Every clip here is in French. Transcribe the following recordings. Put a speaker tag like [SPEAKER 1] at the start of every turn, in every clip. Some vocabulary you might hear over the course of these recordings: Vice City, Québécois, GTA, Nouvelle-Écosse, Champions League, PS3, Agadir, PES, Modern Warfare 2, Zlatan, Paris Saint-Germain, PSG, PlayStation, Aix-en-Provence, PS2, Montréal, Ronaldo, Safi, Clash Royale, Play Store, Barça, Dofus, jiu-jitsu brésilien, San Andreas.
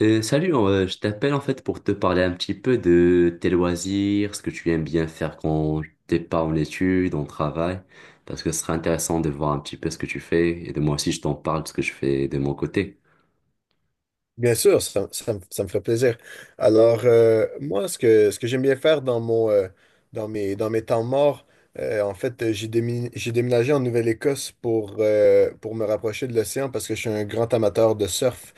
[SPEAKER 1] Salut, je t'appelle en fait pour te parler un petit peu de tes loisirs, ce que tu aimes bien faire quand t'es pas en études, en travail, parce que ce serait intéressant de voir un petit peu ce que tu fais et de moi aussi je t'en parle de ce que je fais de mon côté.
[SPEAKER 2] Bien sûr, ça me ferait plaisir. Alors, moi, ce que j'aime bien faire dans dans mes temps morts, en fait, j'ai déménagé en Nouvelle-Écosse pour me rapprocher de l'océan parce que je suis un grand amateur de surf.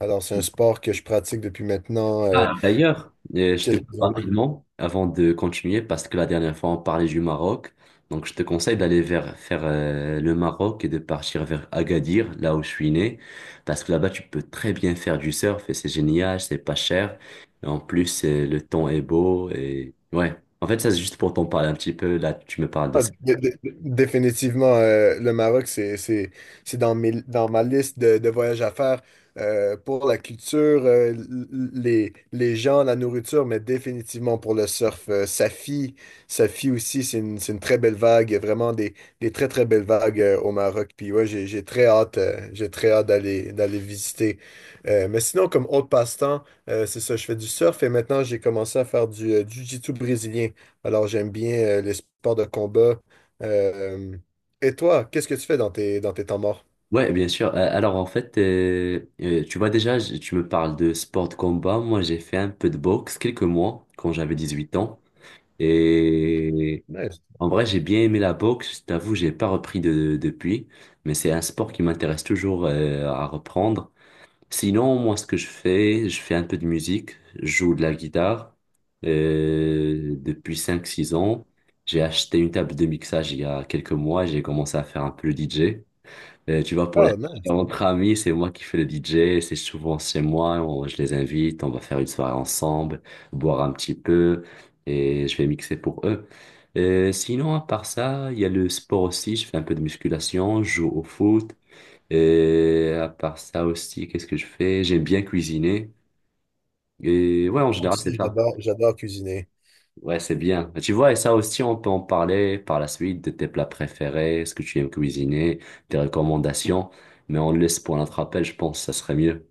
[SPEAKER 2] Alors, c'est un sport que je pratique depuis maintenant
[SPEAKER 1] Ah, d'ailleurs, je te coupe
[SPEAKER 2] quelques années.
[SPEAKER 1] rapidement avant de continuer parce que la dernière fois on parlait du Maroc. Donc je te conseille d'aller vers faire le Maroc et de partir vers Agadir, là où je suis né, parce que là-bas tu peux très bien faire du surf et c'est génial, c'est pas cher. Et en plus le temps est beau et ouais. En fait ça c'est juste pour t'en parler un petit peu. Là tu me parles de
[SPEAKER 2] Ah,
[SPEAKER 1] ça.
[SPEAKER 2] dé- dé- Définitivement, le Maroc, c'est dans dans ma liste de voyages à faire pour la culture, les gens, la nourriture, mais définitivement pour le surf. Safi, Safi aussi, c'est une très belle vague. Il y a vraiment des très très belles vagues au Maroc. Puis ouais, j'ai très hâte d'aller visiter. Mais sinon, comme autre passe-temps, c'est ça, je fais du surf et maintenant j'ai commencé à faire du jiu-jitsu brésilien. Alors, j'aime bien les sports de combat. Euh, et toi, qu'est-ce que tu fais dans dans tes temps morts?
[SPEAKER 1] Ouais, bien sûr. Alors en fait, tu vois déjà, tu me parles de sport de combat. Moi j'ai fait un peu de boxe quelques mois quand j'avais 18 ans. Et
[SPEAKER 2] Nice.
[SPEAKER 1] en vrai, j'ai bien aimé la boxe. Je t'avoue, j'ai pas repris de, depuis, mais c'est un sport qui m'intéresse toujours à reprendre. Sinon, moi, ce que je fais un peu de musique. Je joue de la guitare depuis 5, 6 ans. J'ai acheté une table de mixage il y a quelques mois. J'ai commencé à faire un peu le DJ. Tu vois, pour les
[SPEAKER 2] Ah, nice.
[SPEAKER 1] entre amis, c'est moi qui fais le DJ, c'est souvent chez moi, je les invite, on va faire une soirée ensemble, boire un petit peu, et je vais mixer pour eux. Sinon, à part ça, il y a le sport aussi, je fais un peu de musculation, je joue au foot, et à part ça aussi, qu'est-ce que je fais? J'aime bien cuisiner, et ouais, en
[SPEAKER 2] Moi
[SPEAKER 1] général, c'est
[SPEAKER 2] aussi,
[SPEAKER 1] ça.
[SPEAKER 2] j'adore cuisiner.
[SPEAKER 1] Ouais, c'est bien. Tu vois, et ça aussi, on peut en parler par la suite de tes plats préférés, ce que tu aimes cuisiner, tes recommandations, mais on le laisse pour notre appel, je pense, ça serait mieux.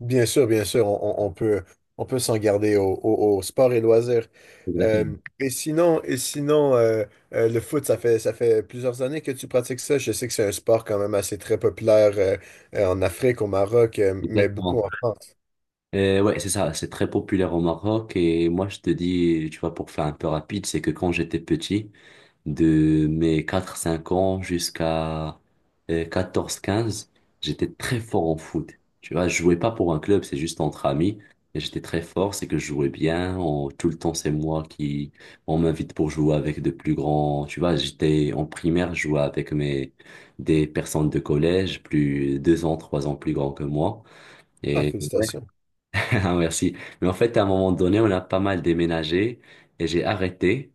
[SPEAKER 2] Bien sûr, on peut s'en garder au sport et loisirs.
[SPEAKER 1] Exactement.
[SPEAKER 2] Et sinon le foot, ça fait plusieurs années que tu pratiques ça. Je sais que c'est un sport quand même assez très populaire en Afrique, au Maroc, mais beaucoup
[SPEAKER 1] Exactement.
[SPEAKER 2] en France.
[SPEAKER 1] Ouais, c'est ça, c'est très populaire au Maroc et moi je te dis, tu vois, pour faire un peu rapide, c'est que quand j'étais petit, de mes 4, 5 ans jusqu'à 14, 15, j'étais très fort en foot. Tu vois, je jouais pas pour un club, c'est juste entre amis, et j'étais très fort, c'est que je jouais bien, tout le temps c'est moi qui, on m'invite pour jouer avec de plus grands, tu vois, j'étais en primaire, je jouais avec mes, des personnes de collège, plus 2 ans, 3 ans plus grands que moi.
[SPEAKER 2] Ah, félicitations.
[SPEAKER 1] Ah, merci. Mais en fait, à un moment donné, on a pas mal déménagé et j'ai arrêté.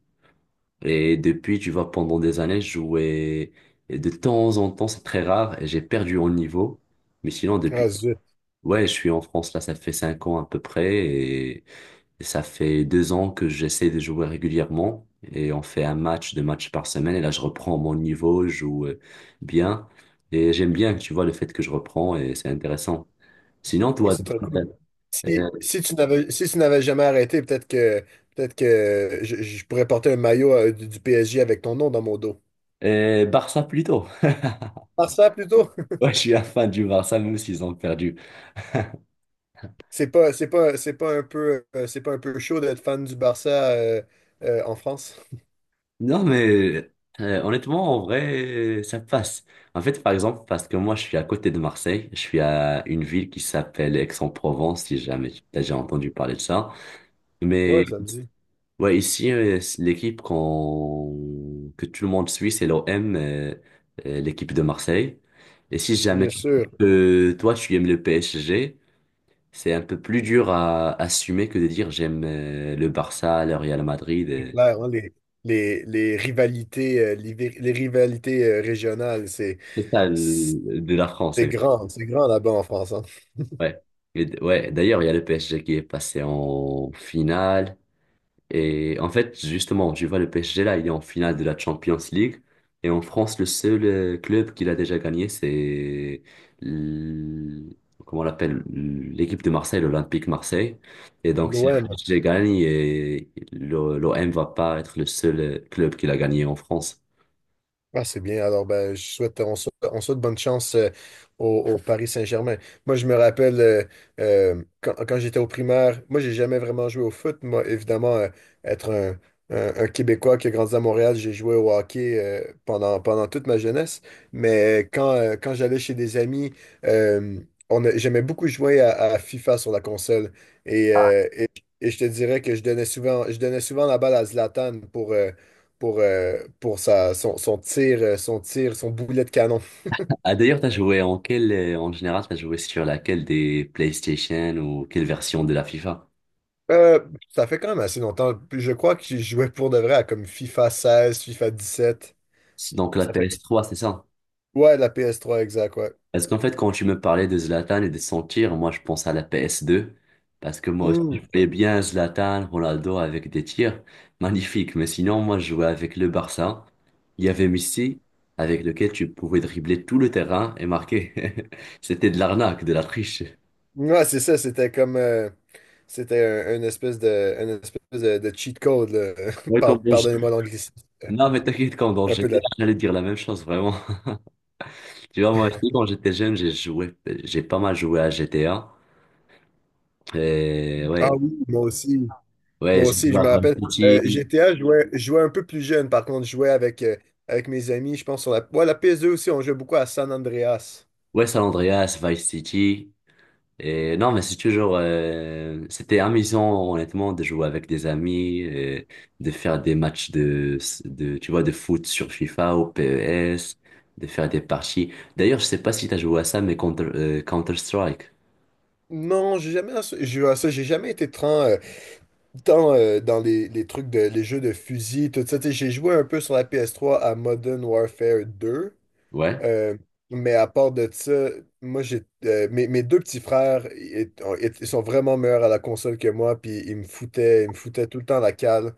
[SPEAKER 1] Et depuis, tu vois, pendant des années, je jouais et de temps en temps, c'est très rare, et j'ai perdu en niveau. Mais sinon, depuis,
[SPEAKER 2] Ah, zut.
[SPEAKER 1] ouais, je suis en France, là, ça fait 5 ans à peu près, et ça fait 2 ans que j'essaie de jouer régulièrement. Et on fait un match, deux matchs par semaine, et là, je reprends mon niveau, je joue bien. Et j'aime bien, tu vois, le fait que je reprends, et c'est intéressant. Sinon,
[SPEAKER 2] Ouais,
[SPEAKER 1] toi,
[SPEAKER 2] c'est très cool.
[SPEAKER 1] euh,
[SPEAKER 2] Si tu n'avais jamais arrêté, peut-être que je pourrais porter un maillot du PSG avec ton nom dans mon dos.
[SPEAKER 1] Barça plutôt.
[SPEAKER 2] Barça plutôt.
[SPEAKER 1] Ouais, je suis un fan du Barça, même s'ils ont perdu.
[SPEAKER 2] C'est pas un peu c'est pas un peu chaud d'être fan du Barça en France.
[SPEAKER 1] Non, mais honnêtement, en vrai, ça passe. En fait, par exemple, parce que moi, je suis à côté de Marseille, je suis à une ville qui s'appelle Aix-en-Provence, si jamais tu as déjà entendu parler de ça. Mais
[SPEAKER 2] Ouais, ça me dit.
[SPEAKER 1] ouais, ici, c'est l'équipe qu'on... que tout le monde suit, c'est l'OM, l'équipe de Marseille. Et si jamais
[SPEAKER 2] Bien
[SPEAKER 1] tu...
[SPEAKER 2] sûr,
[SPEAKER 1] que toi, tu aimes le PSG, c'est un peu plus dur à assumer que de dire j'aime le Barça, le Real Madrid.
[SPEAKER 2] c'est clair, hein, les rivalités les rivalités régionales, c'est
[SPEAKER 1] C'est ça, de la France.
[SPEAKER 2] c'est
[SPEAKER 1] Exact.
[SPEAKER 2] grand, c'est grand là-bas en France, hein.
[SPEAKER 1] Ouais. Et ouais. D'ailleurs, il y a le PSG qui est passé en finale. Et en fait, justement, tu vois, le PSG là, il est en finale de la Champions League. Et en France, le seul club qu'il a déjà gagné, c'est l- comment on l'appelle, l'équipe de Marseille, l'Olympique Marseille. Et donc, si le
[SPEAKER 2] L'OM.
[SPEAKER 1] PSG gagne, et l'O- M va pas être le seul club qu'il a gagné en France.
[SPEAKER 2] Ah, c'est bien. Alors, ben, je souhaite, on souhaite, on souhaite bonne chance au Paris Saint-Germain. Moi, je me rappelle quand j'étais au primaire, moi, j'ai jamais vraiment joué au foot. Moi, évidemment, être un, un Québécois qui a grandi à Montréal, j'ai joué au hockey pendant toute ma jeunesse. Mais quand j'allais chez des amis, euh, j'aimais beaucoup jouer à FIFA sur la console. Et, et je te dirais que je donnais souvent la balle à Zlatan pour son tir, son boulet de canon.
[SPEAKER 1] Ah, d'ailleurs, t'as joué en quelle, en général, t'as joué sur laquelle des PlayStation ou quelle version de la FIFA?
[SPEAKER 2] Euh, Ça fait quand même assez longtemps. Je crois que j'y jouais pour de vrai à comme FIFA 16 FIFA 17.
[SPEAKER 1] C'est donc la
[SPEAKER 2] Ça fait.
[SPEAKER 1] PS3, c'est ça?
[SPEAKER 2] Ouais, la PS trois exact, ouais.
[SPEAKER 1] Parce qu'en fait, quand tu me parlais de Zlatan et de son tir, moi, je pense à la PS2. Parce que moi aussi, je
[SPEAKER 2] Hmm.
[SPEAKER 1] voyais bien Zlatan, Ronaldo avec des tirs magnifiques. Mais sinon, moi, je jouais avec le Barça. Il y avait Messi, avec lequel tu pouvais dribbler tout le terrain et marquer. C'était de l'arnaque, de la triche.
[SPEAKER 2] Ouais, c'est ça, c'était comme. C'était une espèce de cheat code, là.
[SPEAKER 1] Ouais,
[SPEAKER 2] Pardonnez-moi l'anglicisme.
[SPEAKER 1] non, mais t'inquiète, quand dans
[SPEAKER 2] Un peu de la.
[SPEAKER 1] GTA, j'allais dire la même chose, vraiment. Tu vois, moi aussi, quand j'étais jeune, j'ai joué, j'ai pas mal joué à G T GTA. Et
[SPEAKER 2] Ah
[SPEAKER 1] ouais,
[SPEAKER 2] oui, moi aussi. Moi
[SPEAKER 1] ouais, j'ai
[SPEAKER 2] aussi,
[SPEAKER 1] joué
[SPEAKER 2] je me
[SPEAKER 1] à Vice
[SPEAKER 2] rappelle.
[SPEAKER 1] City,
[SPEAKER 2] GTA, je jouais un peu plus jeune, par contre, avec mes amis, je pense, sur la, ouais, la PS2 aussi, on jouait beaucoup à San Andreas.
[SPEAKER 1] ouais, San Andreas, Vice City. Et non, mais c'est toujours, c'était amusant, honnêtement, de jouer avec des amis, et de faire des matchs de, tu vois, de foot sur FIFA ou PES, de faire des parties. D'ailleurs, je sais pas si t'as joué à ça, mais Counter-Strike.
[SPEAKER 2] Non, j'ai jamais joué à ça, j'ai jamais été tant, dans les jeux de fusil, tout ça. Tu sais, j'ai joué un peu sur la PS3 à Modern Warfare 2,
[SPEAKER 1] Ouais.
[SPEAKER 2] euh, mais à part de ça, moi, mes deux petits frères, ils sont vraiment meilleurs à la console que moi, puis ils me foutaient tout le temps la cale.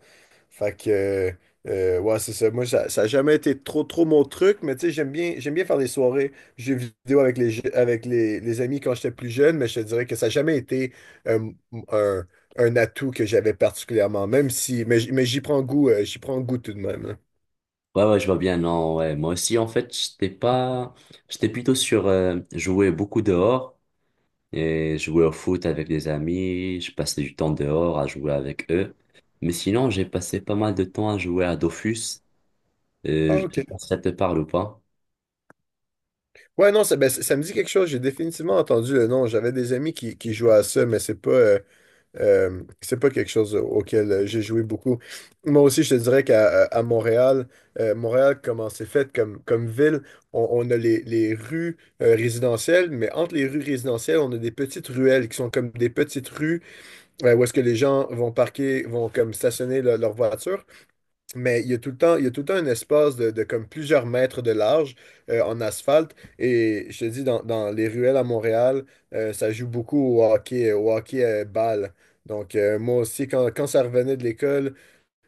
[SPEAKER 2] Fait que, ouais, c'est ça. Moi, ça a jamais été trop, trop mon truc, mais tu sais, j'aime bien faire des soirées jeux vidéo avec les, je- avec les amis quand j'étais plus jeune, mais je te dirais que ça n'a jamais été euh, un, un atout que j'avais particulièrement, même si, mais j'y prends goût tout de même, là.
[SPEAKER 1] Ouais, ouais, je vois bien, non, ouais. Moi aussi, en fait, j'étais pas, j'étais plutôt sur jouer beaucoup dehors et jouer au foot avec des amis. Je passais du temps dehors à jouer avec eux. Mais sinon, j'ai passé pas mal de temps à jouer à Dofus.
[SPEAKER 2] Ah,
[SPEAKER 1] Je sais
[SPEAKER 2] ok.
[SPEAKER 1] pas si ça te parle ou pas.
[SPEAKER 2] Ouais, non, ça, ben, ça me dit quelque chose. J'ai définitivement entendu le nom. J'avais des amis qui jouaient à ça, mais c'est pas quelque chose auquel j'ai joué beaucoup. Moi aussi, je te dirais qu'à à Montréal, comment c'est fait comme ville, on a les rues résidentielles, mais entre les rues résidentielles, on a des petites ruelles qui sont comme des petites rues où est-ce que les gens vont parquer, vont comme stationner leur voiture. Mais il y a tout le temps un espace de comme plusieurs mètres de large en asphalte. Et je te dis, dans les ruelles à Montréal, ça joue beaucoup au hockey balle. Donc, moi aussi, quand ça revenait de l'école,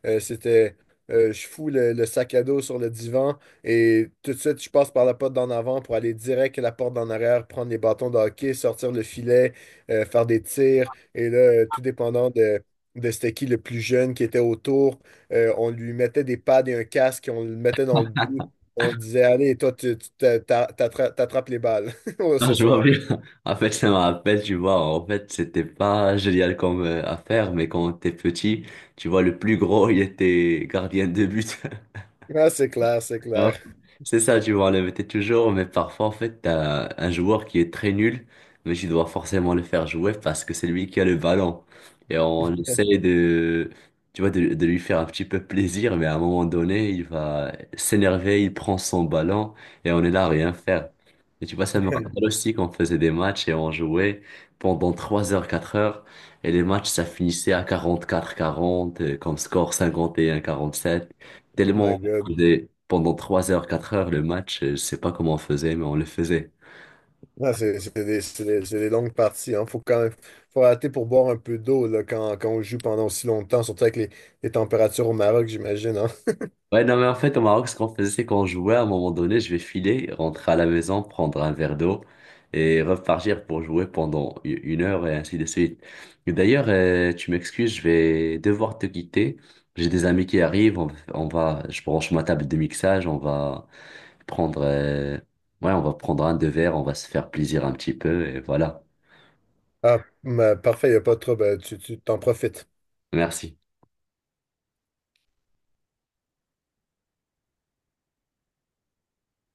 [SPEAKER 2] euh, c'était, je fous le sac à dos sur le divan et tout de suite, je passe par la porte d'en avant pour aller direct à la porte d'en arrière, prendre les bâtons de hockey, sortir le filet, faire des tirs. Et là, tout dépendant de c'était qui le plus jeune qui était autour, on lui mettait des pads et un casque, on le mettait dans le but. On disait, allez, toi, tu t'a- t'a- t'attra- t'attrapes les balles
[SPEAKER 1] Ah,
[SPEAKER 2] ce
[SPEAKER 1] je vois
[SPEAKER 2] soir.
[SPEAKER 1] bien. En fait, ça me rappelle, tu vois, en fait, c'était pas génial comme affaire, mais quand t'es petit, tu vois, le plus gros, il était gardien de but.
[SPEAKER 2] Ah, c'est clair, c'est
[SPEAKER 1] Ouais.
[SPEAKER 2] clair.
[SPEAKER 1] C'est ça, tu vois, le t'es toujours, mais parfois, en fait, t'as un joueur qui est très nul, mais tu dois forcément le faire jouer parce que c'est lui qui a le ballon. Et on essaie de, tu vois, de lui faire un petit peu plaisir, mais à un moment donné, il va s'énerver, il prend son ballon et on est là à rien faire. Et tu vois, ça me rappelle aussi qu'on faisait des matchs et on jouait pendant 3 heures, 4 heures, et les matchs, ça finissait à 44-40, comme score 51-47.
[SPEAKER 2] Oh my
[SPEAKER 1] Tellement
[SPEAKER 2] God.
[SPEAKER 1] faisait pendant 3 heures, 4 heures le match. Je sais pas comment on faisait, mais on le faisait.
[SPEAKER 2] Ouais, c'est des longues parties. Hein. Faut arrêter pour boire un peu d'eau là, quand on joue pendant aussi longtemps, surtout avec les températures au Maroc, j'imagine, hein.
[SPEAKER 1] Ouais, non, mais en fait, au Maroc, ce qu'on faisait, c'est qu'on jouait à un moment donné, je vais filer, rentrer à la maison, prendre un verre d'eau et repartir pour jouer pendant 1 heure et ainsi de suite. Et d'ailleurs, tu m'excuses, je vais devoir te quitter. J'ai des amis qui arrivent, on va, je branche ma table de mixage, on va prendre, ouais, on va prendre un deux verres, on va se faire plaisir un petit peu et voilà.
[SPEAKER 2] Ah, mais parfait, il a pas de trouble. Tu t'en profites.
[SPEAKER 1] Merci.